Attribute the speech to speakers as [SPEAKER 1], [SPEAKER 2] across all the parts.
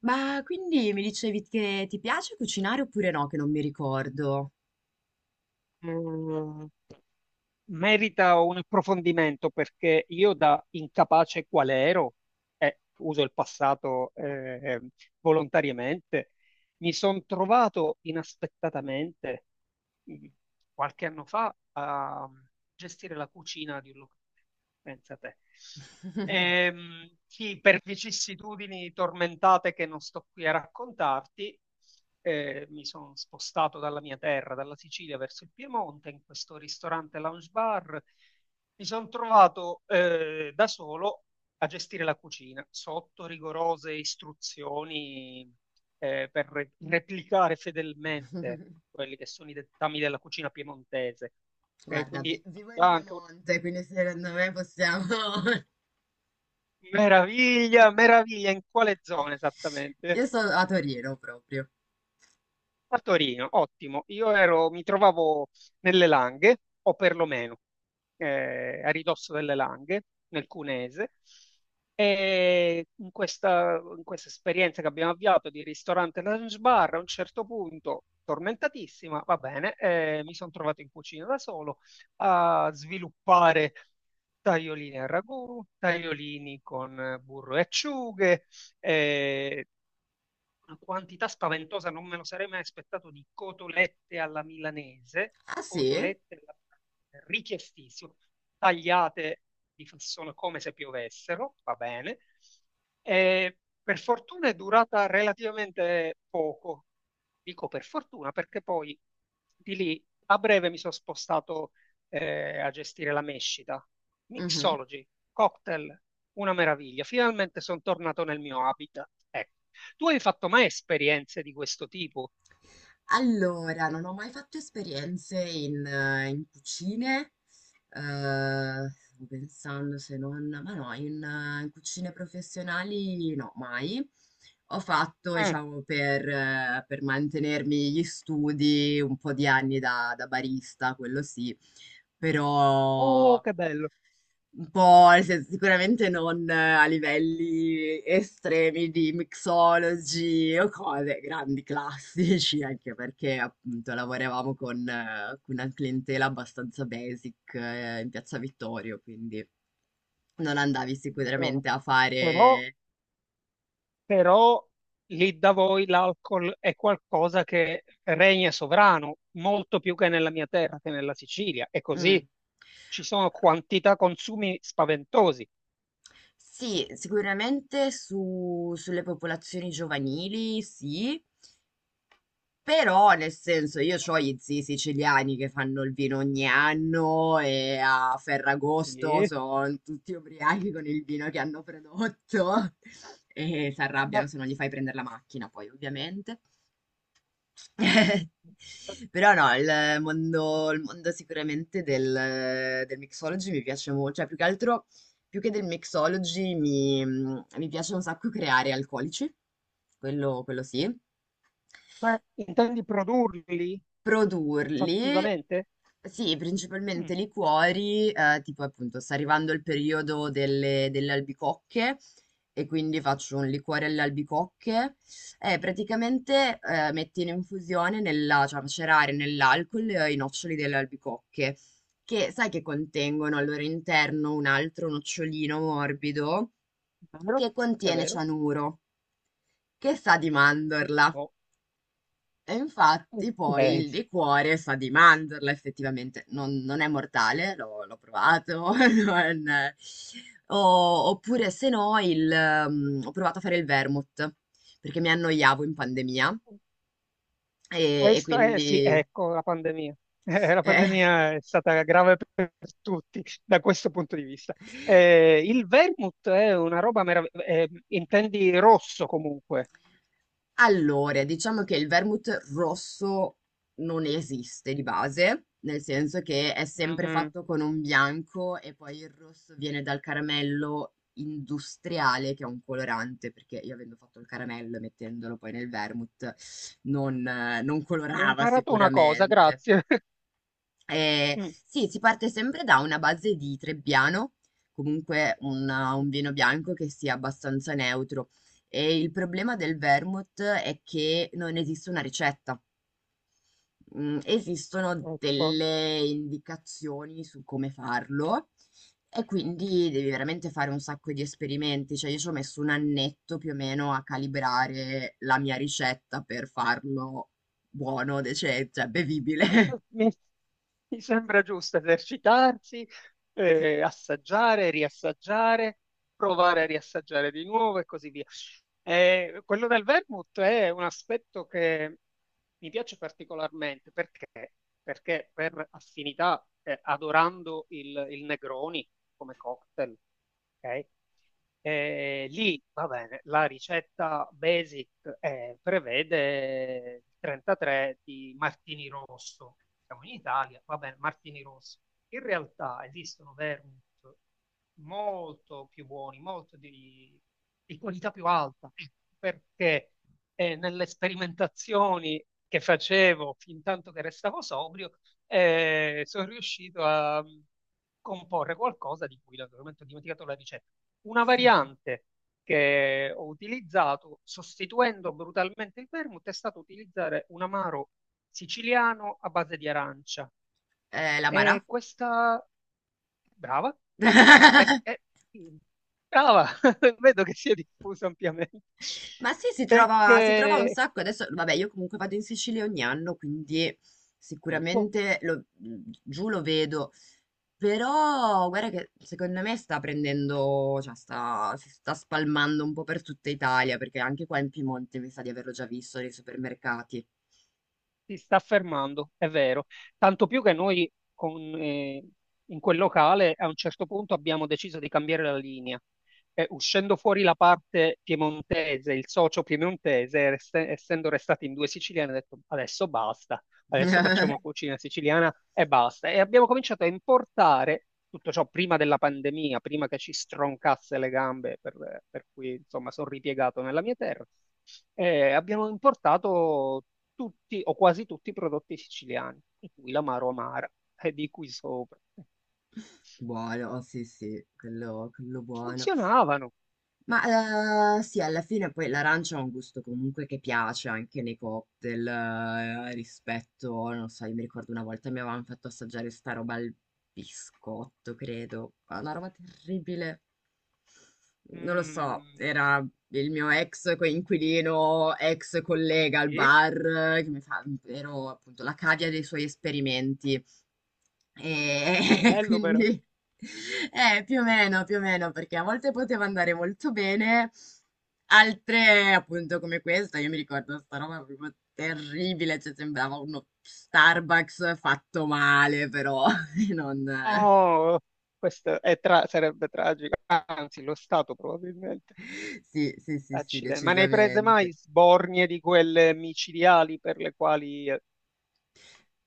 [SPEAKER 1] Ma quindi mi dicevi che ti piace cucinare oppure no, che non mi ricordo.
[SPEAKER 2] Mm, Merita un approfondimento perché io da incapace qual ero, e uso il passato volontariamente, mi sono trovato inaspettatamente mh, qualche anno fa a gestire la cucina di un locale, pensa te. Sì, per vicissitudini tormentate che non sto qui a raccontarti, mi sono spostato dalla mia terra, dalla Sicilia verso il Piemonte, in questo ristorante lounge bar. Mi sono trovato da solo a gestire la cucina sotto rigorose istruzioni per replicare fedelmente quelli che sono i dettami della cucina piemontese. Ok,
[SPEAKER 1] Guarda,
[SPEAKER 2] quindi
[SPEAKER 1] vivo in
[SPEAKER 2] ah, anche un-
[SPEAKER 1] Piemonte, quindi secondo me possiamo...
[SPEAKER 2] meraviglia, meraviglia, in quale zona esattamente?
[SPEAKER 1] Io sono a Torino proprio.
[SPEAKER 2] A Torino, ottimo. Io ero, mi trovavo nelle Langhe, o perlomeno a ridosso delle Langhe, nel Cunese, e in questa esperienza che abbiamo avviato di ristorante lounge bar, a un certo punto, tormentatissima, va bene, mi sono trovato in cucina da solo a sviluppare tagliolini a ragù, tagliolini con burro e acciughe, eh, una quantità spaventosa, non me lo sarei mai aspettato, di
[SPEAKER 1] Ah sì?
[SPEAKER 2] cotolette alla milanese, richiestissimo, tagliate di fassone come se piovessero, va bene. E per fortuna è durata relativamente poco, dico per fortuna, perché poi di lì a breve mi sono spostato a gestire la mescita.
[SPEAKER 1] Mhm.
[SPEAKER 2] Mixology, cocktail, una meraviglia. Finalmente sono tornato nel mio habitat. Ecco. Tu hai fatto mai esperienze di questo tipo?
[SPEAKER 1] Allora, non ho mai fatto esperienze in, in cucine. Stavo pensando se non ma no, in in cucine professionali no, mai. Ho fatto,
[SPEAKER 2] Mm.
[SPEAKER 1] diciamo, per mantenermi gli studi un po' di anni da barista, quello sì,
[SPEAKER 2] Oh,
[SPEAKER 1] però
[SPEAKER 2] che bello.
[SPEAKER 1] un po', nel senso, sicuramente non a livelli estremi di mixology o cose, grandi classici, anche perché appunto lavoravamo con una clientela abbastanza basic, in Piazza Vittorio, quindi non andavi
[SPEAKER 2] Bene.
[SPEAKER 1] sicuramente a
[SPEAKER 2] Però,
[SPEAKER 1] fare...
[SPEAKER 2] però lì da voi l'alcol è qualcosa che regna sovrano, molto più che nella mia terra, che nella Sicilia. E così
[SPEAKER 1] Mm.
[SPEAKER 2] ci sono quantità consumi spaventosi.
[SPEAKER 1] Sì, sicuramente sulle popolazioni giovanili, sì. Però, nel senso, io c'ho gli zii siciliani che fanno il vino ogni anno e a Ferragosto
[SPEAKER 2] Sì.
[SPEAKER 1] sono tutti ubriachi con il vino che hanno prodotto e si
[SPEAKER 2] Ma
[SPEAKER 1] arrabbiano se non gli fai prendere la macchina, poi, ovviamente. Però no, il mondo sicuramente del, del mixology mi piace molto, cioè più che altro, più che del mixology mi piace un sacco creare alcolici, quello sì.
[SPEAKER 2] intendi produrli
[SPEAKER 1] Produrli
[SPEAKER 2] fattivamente?
[SPEAKER 1] sì,
[SPEAKER 2] Mm.
[SPEAKER 1] principalmente liquori, tipo appunto sta arrivando il periodo delle albicocche e quindi faccio un liquore alle albicocche e praticamente, metti in infusione nella, cioè macerare nell'alcol, i noccioli delle albicocche, che sai che contengono al loro interno un altro nocciolino morbido
[SPEAKER 2] È vero?
[SPEAKER 1] che
[SPEAKER 2] È
[SPEAKER 1] contiene
[SPEAKER 2] vero?
[SPEAKER 1] cianuro, che sa di mandorla.
[SPEAKER 2] Oh,
[SPEAKER 1] E infatti poi
[SPEAKER 2] ok.
[SPEAKER 1] il liquore sa di mandorla effettivamente, non, non è mortale, l'ho provato. non- Oppure se no il, ho provato a fare il vermouth, perché mi annoiavo in pandemia e
[SPEAKER 2] Questo, eh sì,
[SPEAKER 1] quindi
[SPEAKER 2] ecco la pandemia. La
[SPEAKER 1] eh,
[SPEAKER 2] pandemia è stata grave per tutti da questo punto di vista. Il vermouth è una roba meravigliosa, intendi rosso comunque.
[SPEAKER 1] allora, diciamo che il vermouth rosso non esiste di base, nel senso che è sempre
[SPEAKER 2] Mm.
[SPEAKER 1] fatto con un bianco e poi il rosso viene dal caramello industriale, che è un colorante, perché io avendo fatto il caramello e mettendolo poi nel vermouth non, non
[SPEAKER 2] Ho
[SPEAKER 1] colorava
[SPEAKER 2] imparato una cosa,
[SPEAKER 1] sicuramente.
[SPEAKER 2] grazie.
[SPEAKER 1] Eh,
[SPEAKER 2] Mm.
[SPEAKER 1] sì, si parte sempre da una base di Trebbiano, comunque un vino bianco che sia abbastanza neutro. E il problema del vermouth è che non esiste una ricetta. Mm, esistono
[SPEAKER 2] Ecco,
[SPEAKER 1] delle indicazioni su come farlo e quindi devi veramente fare un sacco di esperimenti. Cioè, io ci ho messo un annetto più o meno a calibrare la mia ricetta per farlo buono, cioè bevibile.
[SPEAKER 2] mi, se- mi- mi sembra giusto esercitarsi, assaggiare, riassaggiare, provare a riassaggiare di nuovo e così via. Quello del vermouth è un aspetto che mi piace particolarmente perché per affinità, adorando il Negroni come cocktail, ok? Lì va bene, la ricetta basic prevede il 33 di Martini Rosso. Siamo in Italia, va bene, Martini Rosso. In realtà esistono vermouth molto più buoni, di qualità più alta, perché nelle sperimentazioni che facevo fin tanto che restavo sobrio, sono riuscito a comporre qualcosa di cui naturalmente ho dimenticato la ricetta. Una variante che ho utilizzato sostituendo brutalmente il vermouth è stato utilizzare un amaro siciliano a base di arancia.
[SPEAKER 1] L'amara?
[SPEAKER 2] E questa, brava, l'amara, perché... Brava, vedo che si è diffusa ampiamente.
[SPEAKER 1] Ma sì, si trova un
[SPEAKER 2] Perché
[SPEAKER 1] sacco. Adesso, vabbè, io comunque vado in Sicilia ogni anno, quindi
[SPEAKER 2] eh,
[SPEAKER 1] sicuramente giù lo vedo. Però, guarda che secondo me sta prendendo, cioè sta, si sta spalmando un po' per tutta Italia, perché anche qua in Piemonte mi sa di averlo già visto nei supermercati.
[SPEAKER 2] si sta fermando, è vero. Tanto più che noi in quel locale a un certo punto abbiamo deciso di cambiare la linea. Uscendo fuori la parte piemontese, il socio piemontese, essendo restati in due siciliani, ha detto adesso basta, adesso facciamo cucina siciliana e basta. E abbiamo cominciato a importare tutto ciò prima della pandemia, prima che ci stroncasse le gambe, per cui insomma sono ripiegato nella mia terra. Abbiamo importato tutti o quasi tutti i prodotti siciliani, in cui l'amaro amara e di cui sopra.
[SPEAKER 1] Buono, sì, sì, quello buono.
[SPEAKER 2] Funzionavano.
[SPEAKER 1] Ma sì, alla fine poi l'arancia ha un gusto comunque che piace anche nei cocktail, rispetto, non so, io mi ricordo una volta mi avevano fatto assaggiare sta roba al biscotto, credo, ma una roba terribile, non lo
[SPEAKER 2] Mm,
[SPEAKER 1] so, era il mio ex coinquilino, ex collega al
[SPEAKER 2] sì,
[SPEAKER 1] bar, che mi fa, ero appunto la cavia dei suoi esperimenti. E
[SPEAKER 2] bello però.
[SPEAKER 1] quindi più o meno, perché a volte poteva andare molto bene, altre appunto come questa, io mi ricordo sta roba proprio terribile, cioè sembrava uno Starbucks fatto male, però non...
[SPEAKER 2] Oh, questo è sarebbe tragico, anzi lo Stato probabilmente.
[SPEAKER 1] Sì, sì, sì, sì,
[SPEAKER 2] Accidenti. Ma ne hai prese mai
[SPEAKER 1] decisamente.
[SPEAKER 2] sbornie di quelle micidiali per le quali...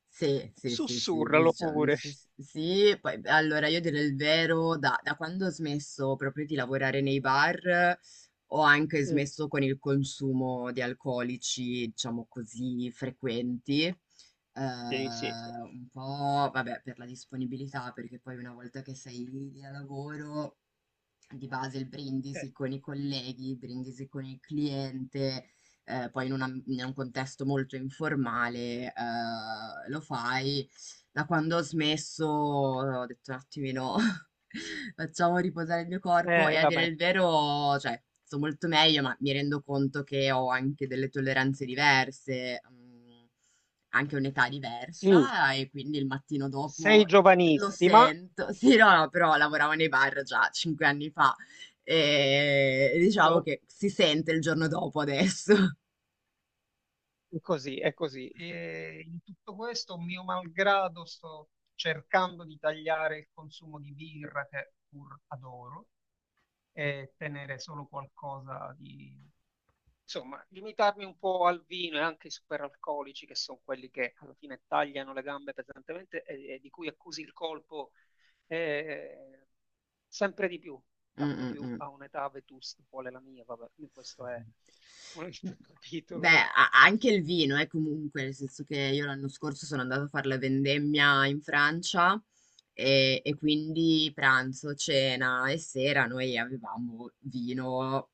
[SPEAKER 1] Sì, sì, sì, sì,
[SPEAKER 2] sussurralo pure.
[SPEAKER 1] sì, sì, sì, poi beh, allora io direi il vero, da, da quando ho smesso proprio di lavorare nei bar, ho anche
[SPEAKER 2] Mm,
[SPEAKER 1] smesso con il consumo di alcolici, diciamo così, frequenti,
[SPEAKER 2] sì, sì, sì.
[SPEAKER 1] un po', vabbè, per la disponibilità, perché poi una volta che sei lì a lavoro, di base il brindisi
[SPEAKER 2] Certo.
[SPEAKER 1] con i colleghi, il brindisi con il cliente, poi in un am in un contesto molto informale, lo fai. Da quando ho smesso ho detto un attimino: "Facciamo riposare il mio corpo", e a dire
[SPEAKER 2] Vabbè.
[SPEAKER 1] il vero, cioè, sto molto meglio, ma mi rendo conto che ho anche delle tolleranze diverse, mhmm, anche un'età
[SPEAKER 2] Sì,
[SPEAKER 1] diversa e quindi il mattino
[SPEAKER 2] sei
[SPEAKER 1] dopo lo
[SPEAKER 2] giovanissima.
[SPEAKER 1] sento. Sì, no, no, però lavoravo nei bar già 5 anni fa, e diciamo
[SPEAKER 2] Oh.
[SPEAKER 1] che si sente il giorno dopo adesso.
[SPEAKER 2] È così, è così. E in tutto questo, mio malgrado, sto cercando di tagliare il consumo di birra che pur adoro e tenere solo qualcosa di... Insomma, limitarmi un po' al vino e anche ai superalcolici, che sono quelli che alla fine tagliano le gambe pesantemente e di cui accusi il colpo eh, sempre di più,
[SPEAKER 1] Mm,
[SPEAKER 2] tanto
[SPEAKER 1] mm,
[SPEAKER 2] più
[SPEAKER 1] mm.
[SPEAKER 2] a un'età vetusta quale la mia, vabbè, questo è un altro
[SPEAKER 1] Beh,
[SPEAKER 2] capitolo e
[SPEAKER 1] anche il vino, comunque, nel senso che io l'anno scorso sono andata a fare la vendemmia in Francia e quindi pranzo, cena e sera noi avevamo vino.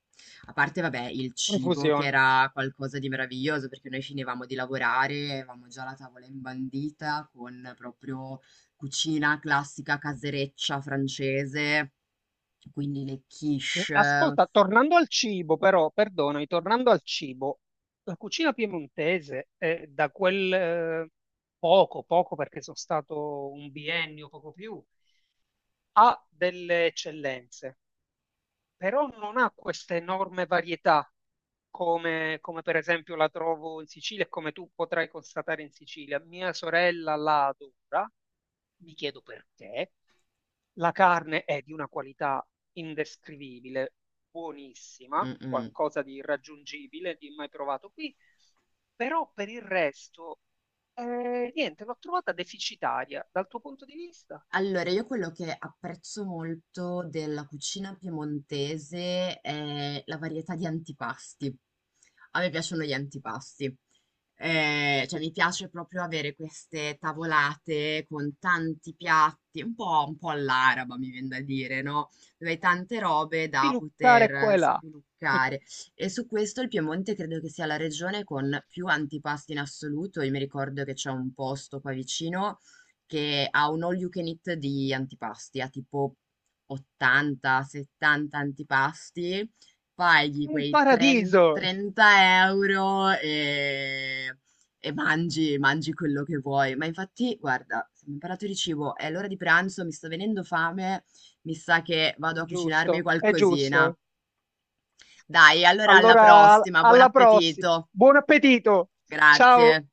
[SPEAKER 1] A parte, vabbè, il cibo che
[SPEAKER 2] confusione.
[SPEAKER 1] era qualcosa di meraviglioso, perché noi finivamo di lavorare, avevamo già la tavola imbandita con proprio cucina classica casereccia francese, quindi le quiche.
[SPEAKER 2] Ascolta, tornando al cibo, però, perdonami, tornando al cibo, la cucina piemontese è da quel poco, poco perché sono stato un biennio, poco più, ha delle eccellenze però non ha questa enorme varietà come per esempio la trovo in Sicilia e come tu potrai constatare in Sicilia. Mia sorella la adora, mi chiedo perché. La carne è di una qualità indescrivibile, buonissima,
[SPEAKER 1] Mm, mm.
[SPEAKER 2] qualcosa di irraggiungibile, di mai provato qui, però per il resto, niente, l'ho trovata deficitaria dal tuo punto di vista.
[SPEAKER 1] Allora, io quello che apprezzo molto della cucina piemontese è la varietà di antipasti. A me piacciono gli antipasti. Cioè, mi piace proprio avere queste tavolate con tanti piatti, un po' all'araba, mi viene da dire, no? Dove hai tante robe da
[SPEAKER 2] Piluccare qua e
[SPEAKER 1] poter
[SPEAKER 2] là,
[SPEAKER 1] spiluccare. E su questo il Piemonte credo che sia la regione con più antipasti in assoluto. Io mi ricordo che c'è un posto qua vicino che ha un all you can eat di antipasti, ha tipo 80-70 antipasti, paghi
[SPEAKER 2] un
[SPEAKER 1] quei 30
[SPEAKER 2] paradiso!
[SPEAKER 1] 30 euro e mangi, mangi quello che vuoi. Ma infatti, guarda, se mi parlato di cibo, è l'ora di pranzo, mi sta venendo fame, mi sa che vado a cucinarmi
[SPEAKER 2] Giusto, è
[SPEAKER 1] qualcosina.
[SPEAKER 2] giusto.
[SPEAKER 1] Dai, allora alla
[SPEAKER 2] Allora,
[SPEAKER 1] prossima, buon
[SPEAKER 2] alla prossima.
[SPEAKER 1] appetito.
[SPEAKER 2] Buon appetito. Ciao.
[SPEAKER 1] Grazie.